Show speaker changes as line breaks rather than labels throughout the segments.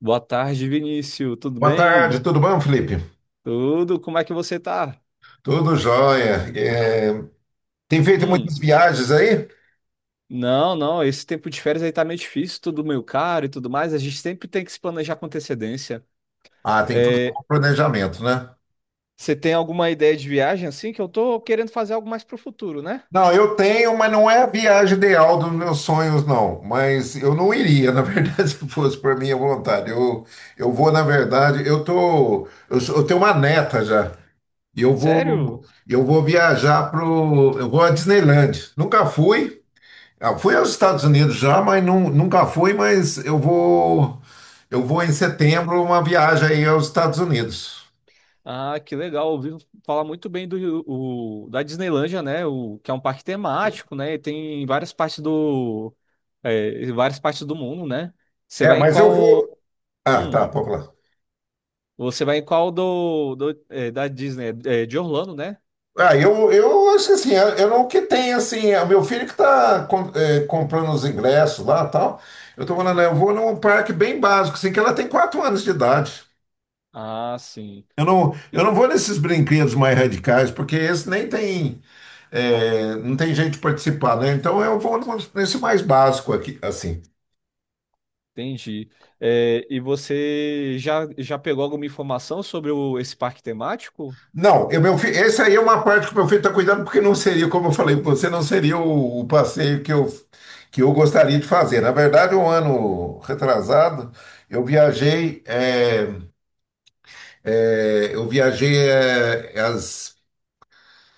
Boa tarde, Vinícius. Tudo
Boa tarde,
bem?
tudo bom, Felipe?
Tudo? Como é que você tá?
Tudo jóia. Tem feito
Hum,
muitas viagens aí?
não. Esse tempo de férias aí tá meio difícil, tudo meio caro e tudo mais. A gente sempre tem que se planejar com antecedência.
Ah, tem que fazer um
É,
bom planejamento, né?
você tem alguma ideia de viagem assim? Que eu tô querendo fazer algo mais pro futuro, né?
Não, eu tenho, mas não é a viagem ideal dos meus sonhos, não. Mas eu não iria, na verdade, se fosse por minha vontade. Eu vou, na verdade, eu tô, eu, sou- eu tenho uma neta já.
Sério?
Eu vou viajar eu vou à Disneyland. Nunca fui. Ah, fui aos Estados Unidos já, mas nunca fui, mas eu vou em setembro uma viagem aí aos Estados Unidos.
Ah, que legal. Ouvi falar muito bem da Disneylândia, né? O, que é um parque temático, né? E tem em várias partes é, em várias partes do mundo, né? Você
É,
vai em
mas eu
qual.
vou. Ah, tá,
Hum.
pode falar.
Você vai em qual é, da Disney? É, de Orlando, né?
Ah, eu acho que assim, eu não que tem assim, é o meu filho que está comprando os ingressos lá e tal. Eu tô falando, eu vou num parque bem básico, assim, que ela tem quatro anos de idade.
Ah, sim.
Eu
Eu-
não vou nesses brinquedos mais radicais, porque esse nem tem, não tem jeito de participar, né? Então eu vou nesse mais básico aqui, assim.
Entendi. É, e você já pegou alguma informação sobre esse parque temático?
Não, meu filho, essa aí é uma parte que o meu filho está cuidando, porque não seria, como eu falei para você, não seria o passeio que eu gostaria de fazer. Na verdade, um ano retrasado, eu viajei, é, eu viajei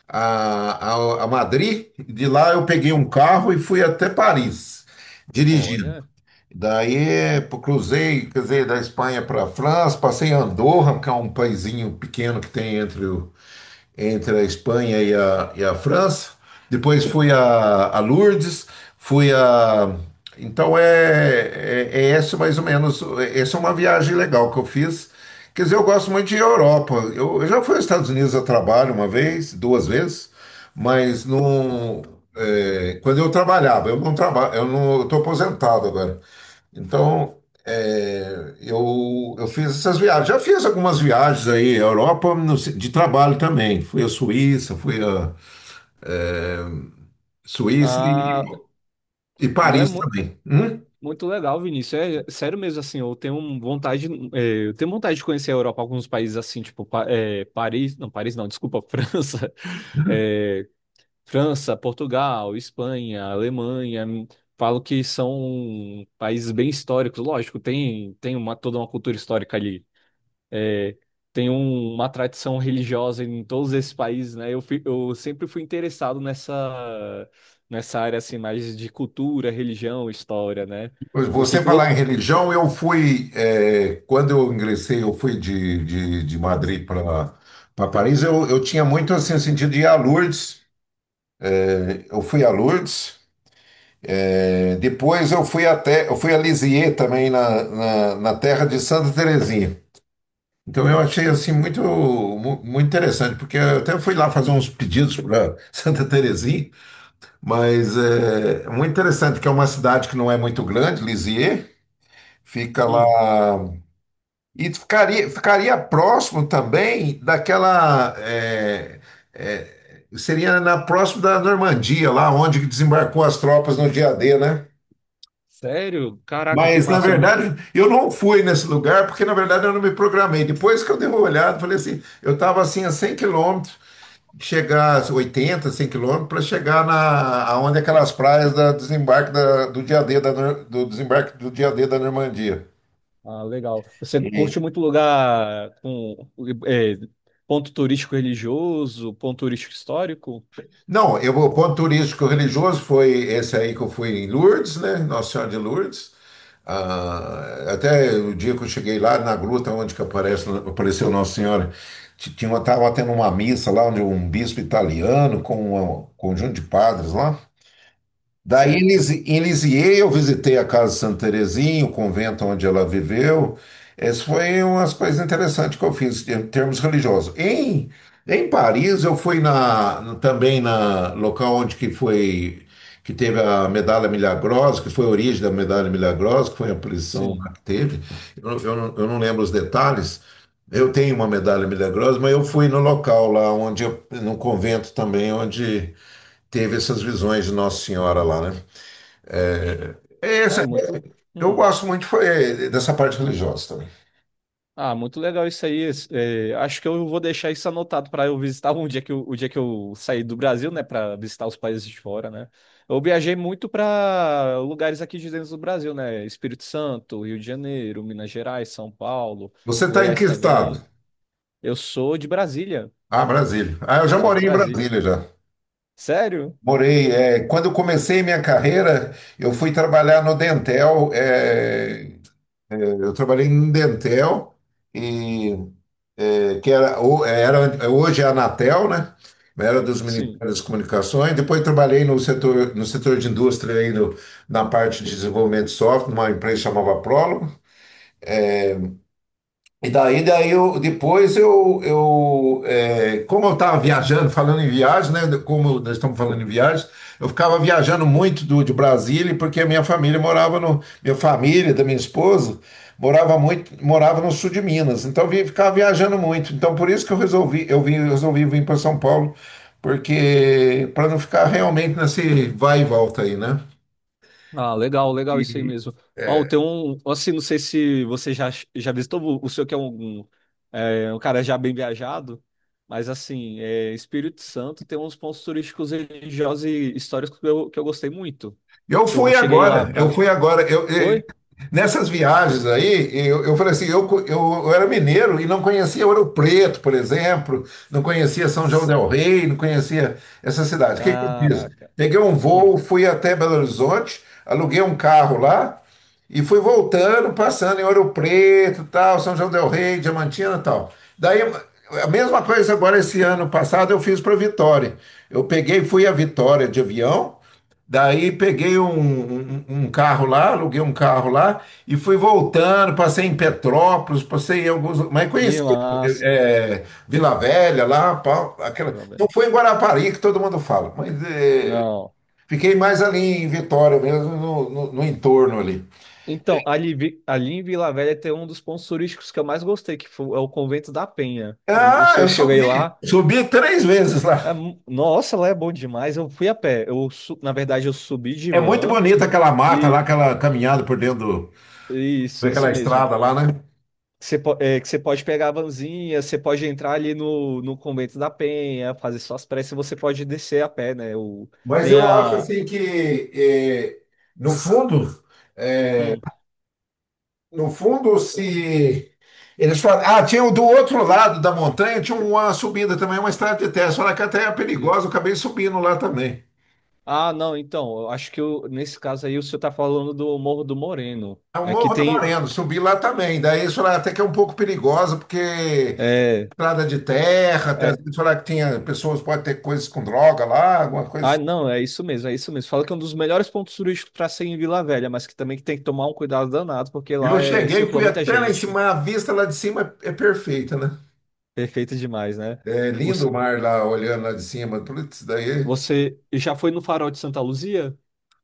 a, a Madrid, e de lá eu peguei um carro e fui até Paris, dirigindo.
Olha.
Daí pô, cruzei, quer dizer, da Espanha para a França, passei em Andorra, que é um paizinho pequeno que tem entre a Espanha e e a França. Depois fui a Lourdes, fui a. Então é esse mais ou menos. Essa é uma viagem legal que eu fiz. Quer dizer, eu gosto muito de Europa. Eu já fui aos Estados Unidos a trabalho uma vez, duas vezes, mas não. É, quando eu trabalhava, eu não trabalho, eu não estou aposentado agora, então, eu fiz essas viagens. Já fiz algumas viagens aí, à Europa, no de trabalho também. Fui à Suíça, fui à é, Suíça
Ah,
e
não é
Paris
mu-
também. Hum?
muito legal, Vinícius. É sério mesmo, assim, vontade, é, eu tenho vontade de conhecer a Europa, alguns países assim, tipo, Paris não, desculpa, França, É, França, Portugal, Espanha, Alemanha, falo que são países bem históricos. Lógico, tem uma, toda uma cultura histórica ali. É, uma tradição religiosa em todos esses países, né? Eu sempre fui interessado nessa área assim, mais de cultura, religião, história, né? O que
Você
que vo-
falar em religião, eu fui, é, quando eu ingressei, eu fui de Madrid para Paris, eu tinha muito assim, sentido de ir a Lourdes. É, eu fui a Lourdes, é, depois eu fui a Lisieux também, na terra de Santa Terezinha. Então eu achei assim muito interessante, porque eu até fui lá fazer uns pedidos para Santa Terezinha, mas é muito interessante que é uma cidade que não é muito grande, Lisieux, fica lá
Hum,
e ficaria próximo também daquela seria na próximo da Normandia, lá onde desembarcou as tropas no dia D, né?
sério? Caraca, que
Mas, na
massa!
verdade, eu não fui nesse lugar porque, na verdade, eu não me programei. Depois que eu dei uma olhada, falei assim: eu estava assim a 100 quilômetros, chegar a 80, 100 quilômetros, para chegar na aonde aquelas praias da desembarque do dia D da, do desembarque do dia D da Normandia.
Ah, legal. Você curte muito lugar com é, ponto turístico religioso, ponto turístico histórico?
Não, eu, o ponto turístico religioso foi esse aí que eu fui em Lourdes, né? Nossa Senhora de Lourdes. Ah, até o dia que eu cheguei lá na gruta onde que apareceu Nossa Senhora, tava tendo uma missa lá onde um bispo italiano com um conjunto de padres lá. Daí em
Certo.
Lisieux eu visitei a casa de Santa Terezinha, o convento onde ela viveu. Essas foi umas coisas interessantes que eu fiz em termos religiosos. Em Paris eu fui na, também na local onde que foi que teve a medalha milagrosa, que foi a origem da medalha milagrosa, que foi a prisão
Sim.
lá que teve. Eu não lembro os detalhes. Eu tenho uma medalha milagrosa, mas eu fui no local lá no convento também onde teve essas visões de Nossa Senhora lá, né? É
É
essa-
muito.
eu
hum.
gosto muito foi, é, dessa parte religiosa também.
Ah, muito legal isso aí. Acho que eu vou deixar isso anotado para eu visitar um dia o dia que eu sair do Brasil, né, para visitar os países de fora, né? Eu viajei muito para lugares aqui de dentro do Brasil, né? Espírito Santo, Rio de Janeiro, Minas Gerais, São Paulo,
Você está em que
Goiás também.
estado?
Eu sou de Brasília.
Ah, Brasília. Ah, eu já
Sou de
morei em
Brasília.
Brasília já.
Sério?
Morei. É, quando eu comecei minha carreira, eu fui trabalhar no Dentel. Eu trabalhei em Dentel e que era, hoje é a Anatel, né? Era dos
Sim.
Ministérios das Comunicações. Depois trabalhei no setor, no setor de indústria aí na parte de desenvolvimento de software, numa empresa que chamava Prólogo. E daí, daí eu, depois eu é, como eu estava viajando, falando em viagem, né? Como nós estamos falando em viagem, eu ficava viajando muito de Brasília, porque a minha família morava no, minha família, da minha esposa, morava no sul de Minas. Então eu ficava viajando muito. Então por isso que eu resolvi, resolvi vir para São Paulo, porque para não ficar realmente nesse vai e volta aí, né?
Ah, legal, legal isso aí
E-
mesmo.
é,
Ó, tem um, assim, não sei se você já visitou o senhor que é um cara já bem viajado, mas assim, é, Espírito Santo tem uns pontos turísticos religiosos e históricos que eu gostei muito.
eu
Que eu
fui
cheguei lá
agora, eu
pra.
fui agora.
Oi?
Nessas viagens aí, eu falei assim, eu, co- eu era mineiro e não conhecia Ouro Preto, por exemplo, não conhecia São João
S-
del Rei, não conhecia essa cidade. O que que eu fiz?
Caraca.
Peguei um
Hum,
voo, fui até Belo Horizonte, aluguei um carro lá e fui voltando, passando em Ouro Preto, tal, São João del Rei, Diamantina, e tal. Daí, a mesma coisa agora esse ano passado eu fiz para Vitória. Eu peguei, fui a Vitória de avião. Daí peguei um carro lá, aluguei um carro lá e fui voltando. Passei em Petrópolis, passei em alguns. Mas
que
conheci
massa.
Vila Velha lá, pá, aquela.
Vila
Não
Velha.
foi em Guarapari que todo mundo fala, mas
Não.
fiquei mais ali em Vitória mesmo, no entorno ali.
Então, ali em Vila Velha tem um dos pontos turísticos que eu mais gostei, que foi, é o Convento da Penha. O
Ah,
senhor
eu
chegou
subi,
aí lá.
subi três vezes lá.
Nossa, lá é bom demais. Eu fui a pé. Na verdade, eu subi de
É muito
van
bonita aquela mata lá,
e
aquela caminhada por dentro
isso
daquela
mesmo.
estrada lá, né?
Que você pode pegar a vanzinha, você pode entrar ali no, no Convento da Penha, fazer suas preces, você pode descer a pé, né? O,
Mas
tem
eu acho
a.
assim que, no fundo.
hum,
No fundo, se eles falam, ah, tinha o do outro lado da montanha, tinha uma subida também, uma estrada de terra. Falaram que até é
e-
perigosa, eu acabei subindo lá também.
ah, não, então, eu acho que eu- nesse caso aí o senhor tá falando do Morro do Moreno.
É o
É que
Morro do
tem.
Moreno, subi lá também. Daí eles falaram até que é um pouco perigosa, porque
É,
estrada de terra, até
é,
eles falaram que tinha pessoas, pode ter coisas com droga lá, alguma coisa
Ah,
assim.
não, é isso mesmo, é isso mesmo. Fala que é um dos melhores pontos turísticos para ser em Vila Velha, mas que também que tem que tomar um cuidado danado, porque lá
Eu
é,
cheguei,
circula
fui
muita
até lá em
gente.
cima, a vista lá de cima é perfeita, né?
Perfeito demais, né?
É
Os-
lindo o mar lá, olhando lá de cima, tudo isso daí.
Você já foi no Farol de Santa Luzia?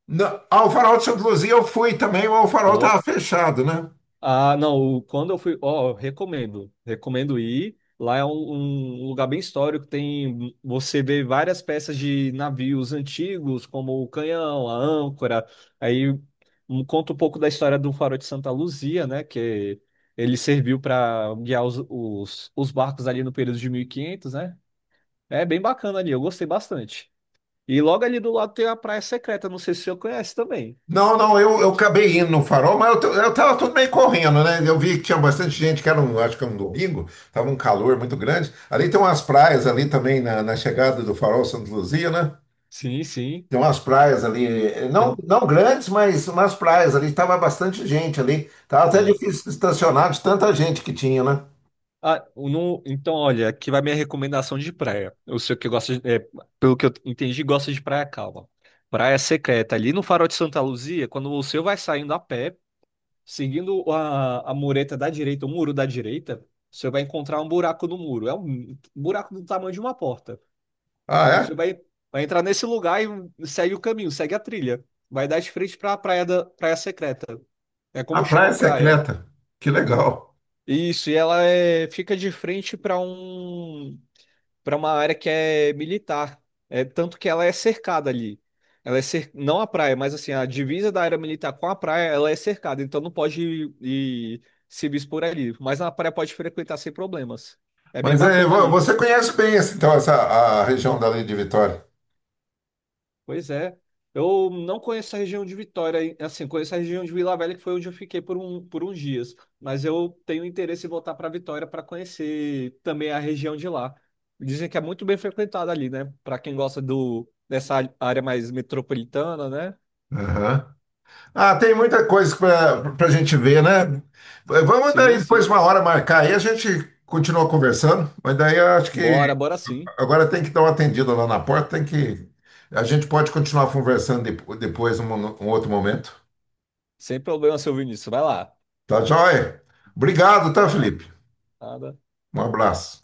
Não, ao Farol de Santa Luzia eu fui também, mas o farol estava
Ó,
fechado, né?
Ah, não, o- quando eu fui, ó, recomendo, recomendo ir. Lá é um lugar bem histórico, tem, você vê várias peças de navios antigos, como o canhão, a âncora. Aí conta um pouco da história do Farol de Santa Luzia, né, que ele serviu para guiar os barcos ali no período de 1500, né? É bem bacana ali, eu gostei bastante. E logo ali do lado tem a Praia Secreta, não sei se você conhece também.
Não, não, eu acabei indo no farol, mas eu tava tudo meio correndo, né? Eu vi que tinha bastante gente, que era um, acho que era um domingo, tava um calor muito grande. Ali tem umas praias ali também na chegada do farol Santa Luzia, né?
Sim, sim.
Tem umas praias ali, não, não grandes, mas umas praias ali, tava bastante gente ali. Tava até
Tem,
difícil estacionar de tanta gente que tinha, né?
Ah, o no- então, olha, aqui vai minha recomendação de praia. Eu sei que gosta de, é, pelo que eu entendi, gosta de praia calma. Praia secreta. Ali no Farol de Santa Luzia, quando você vai saindo a pé, seguindo a mureta da direita, o muro da direita, você vai encontrar um buraco no muro. É um buraco do tamanho de uma porta.
Ah, é?
Você vai, vai entrar nesse lugar e segue o caminho, segue a trilha. Vai dar de frente para praia secreta. É
A
como chama
praia
a praia.
secreta. Que legal.
Isso, e ela é, fica de frente para um para uma área que é militar. É tanto que ela é cercada ali. Ela é cer... não a praia, mas assim, a divisa da área militar com a praia, ela é cercada, então não pode ir se expor ali, mas na praia pode frequentar sem problemas. É bem
Mas é,
bacana ali.
você conhece bem então essa a região dali de Vitória.
Pois é. Eu não conheço a região de Vitória, hein? Assim, conheço a região de Vila Velha, que foi onde eu fiquei por uns dias. Mas eu tenho interesse em voltar para Vitória para conhecer também a região de lá. Dizem que é muito bem frequentada ali, né? Para quem gosta área mais metropolitana, né?
Aham. Ah, tem muita coisa para a gente ver, né? Vamos daí
Sim,
depois
sim.
uma hora marcar aí, a gente continua conversando, mas daí eu acho que
Bora, bora sim.
agora tem que dar uma atendida lá na porta, tem que. A gente pode continuar conversando depois, num outro momento.
Sem problema, seu Vinícius. Vai lá.
Tá joia? Obrigado, tá,
Não,
Felipe?
nada.
Um
Não.
abraço.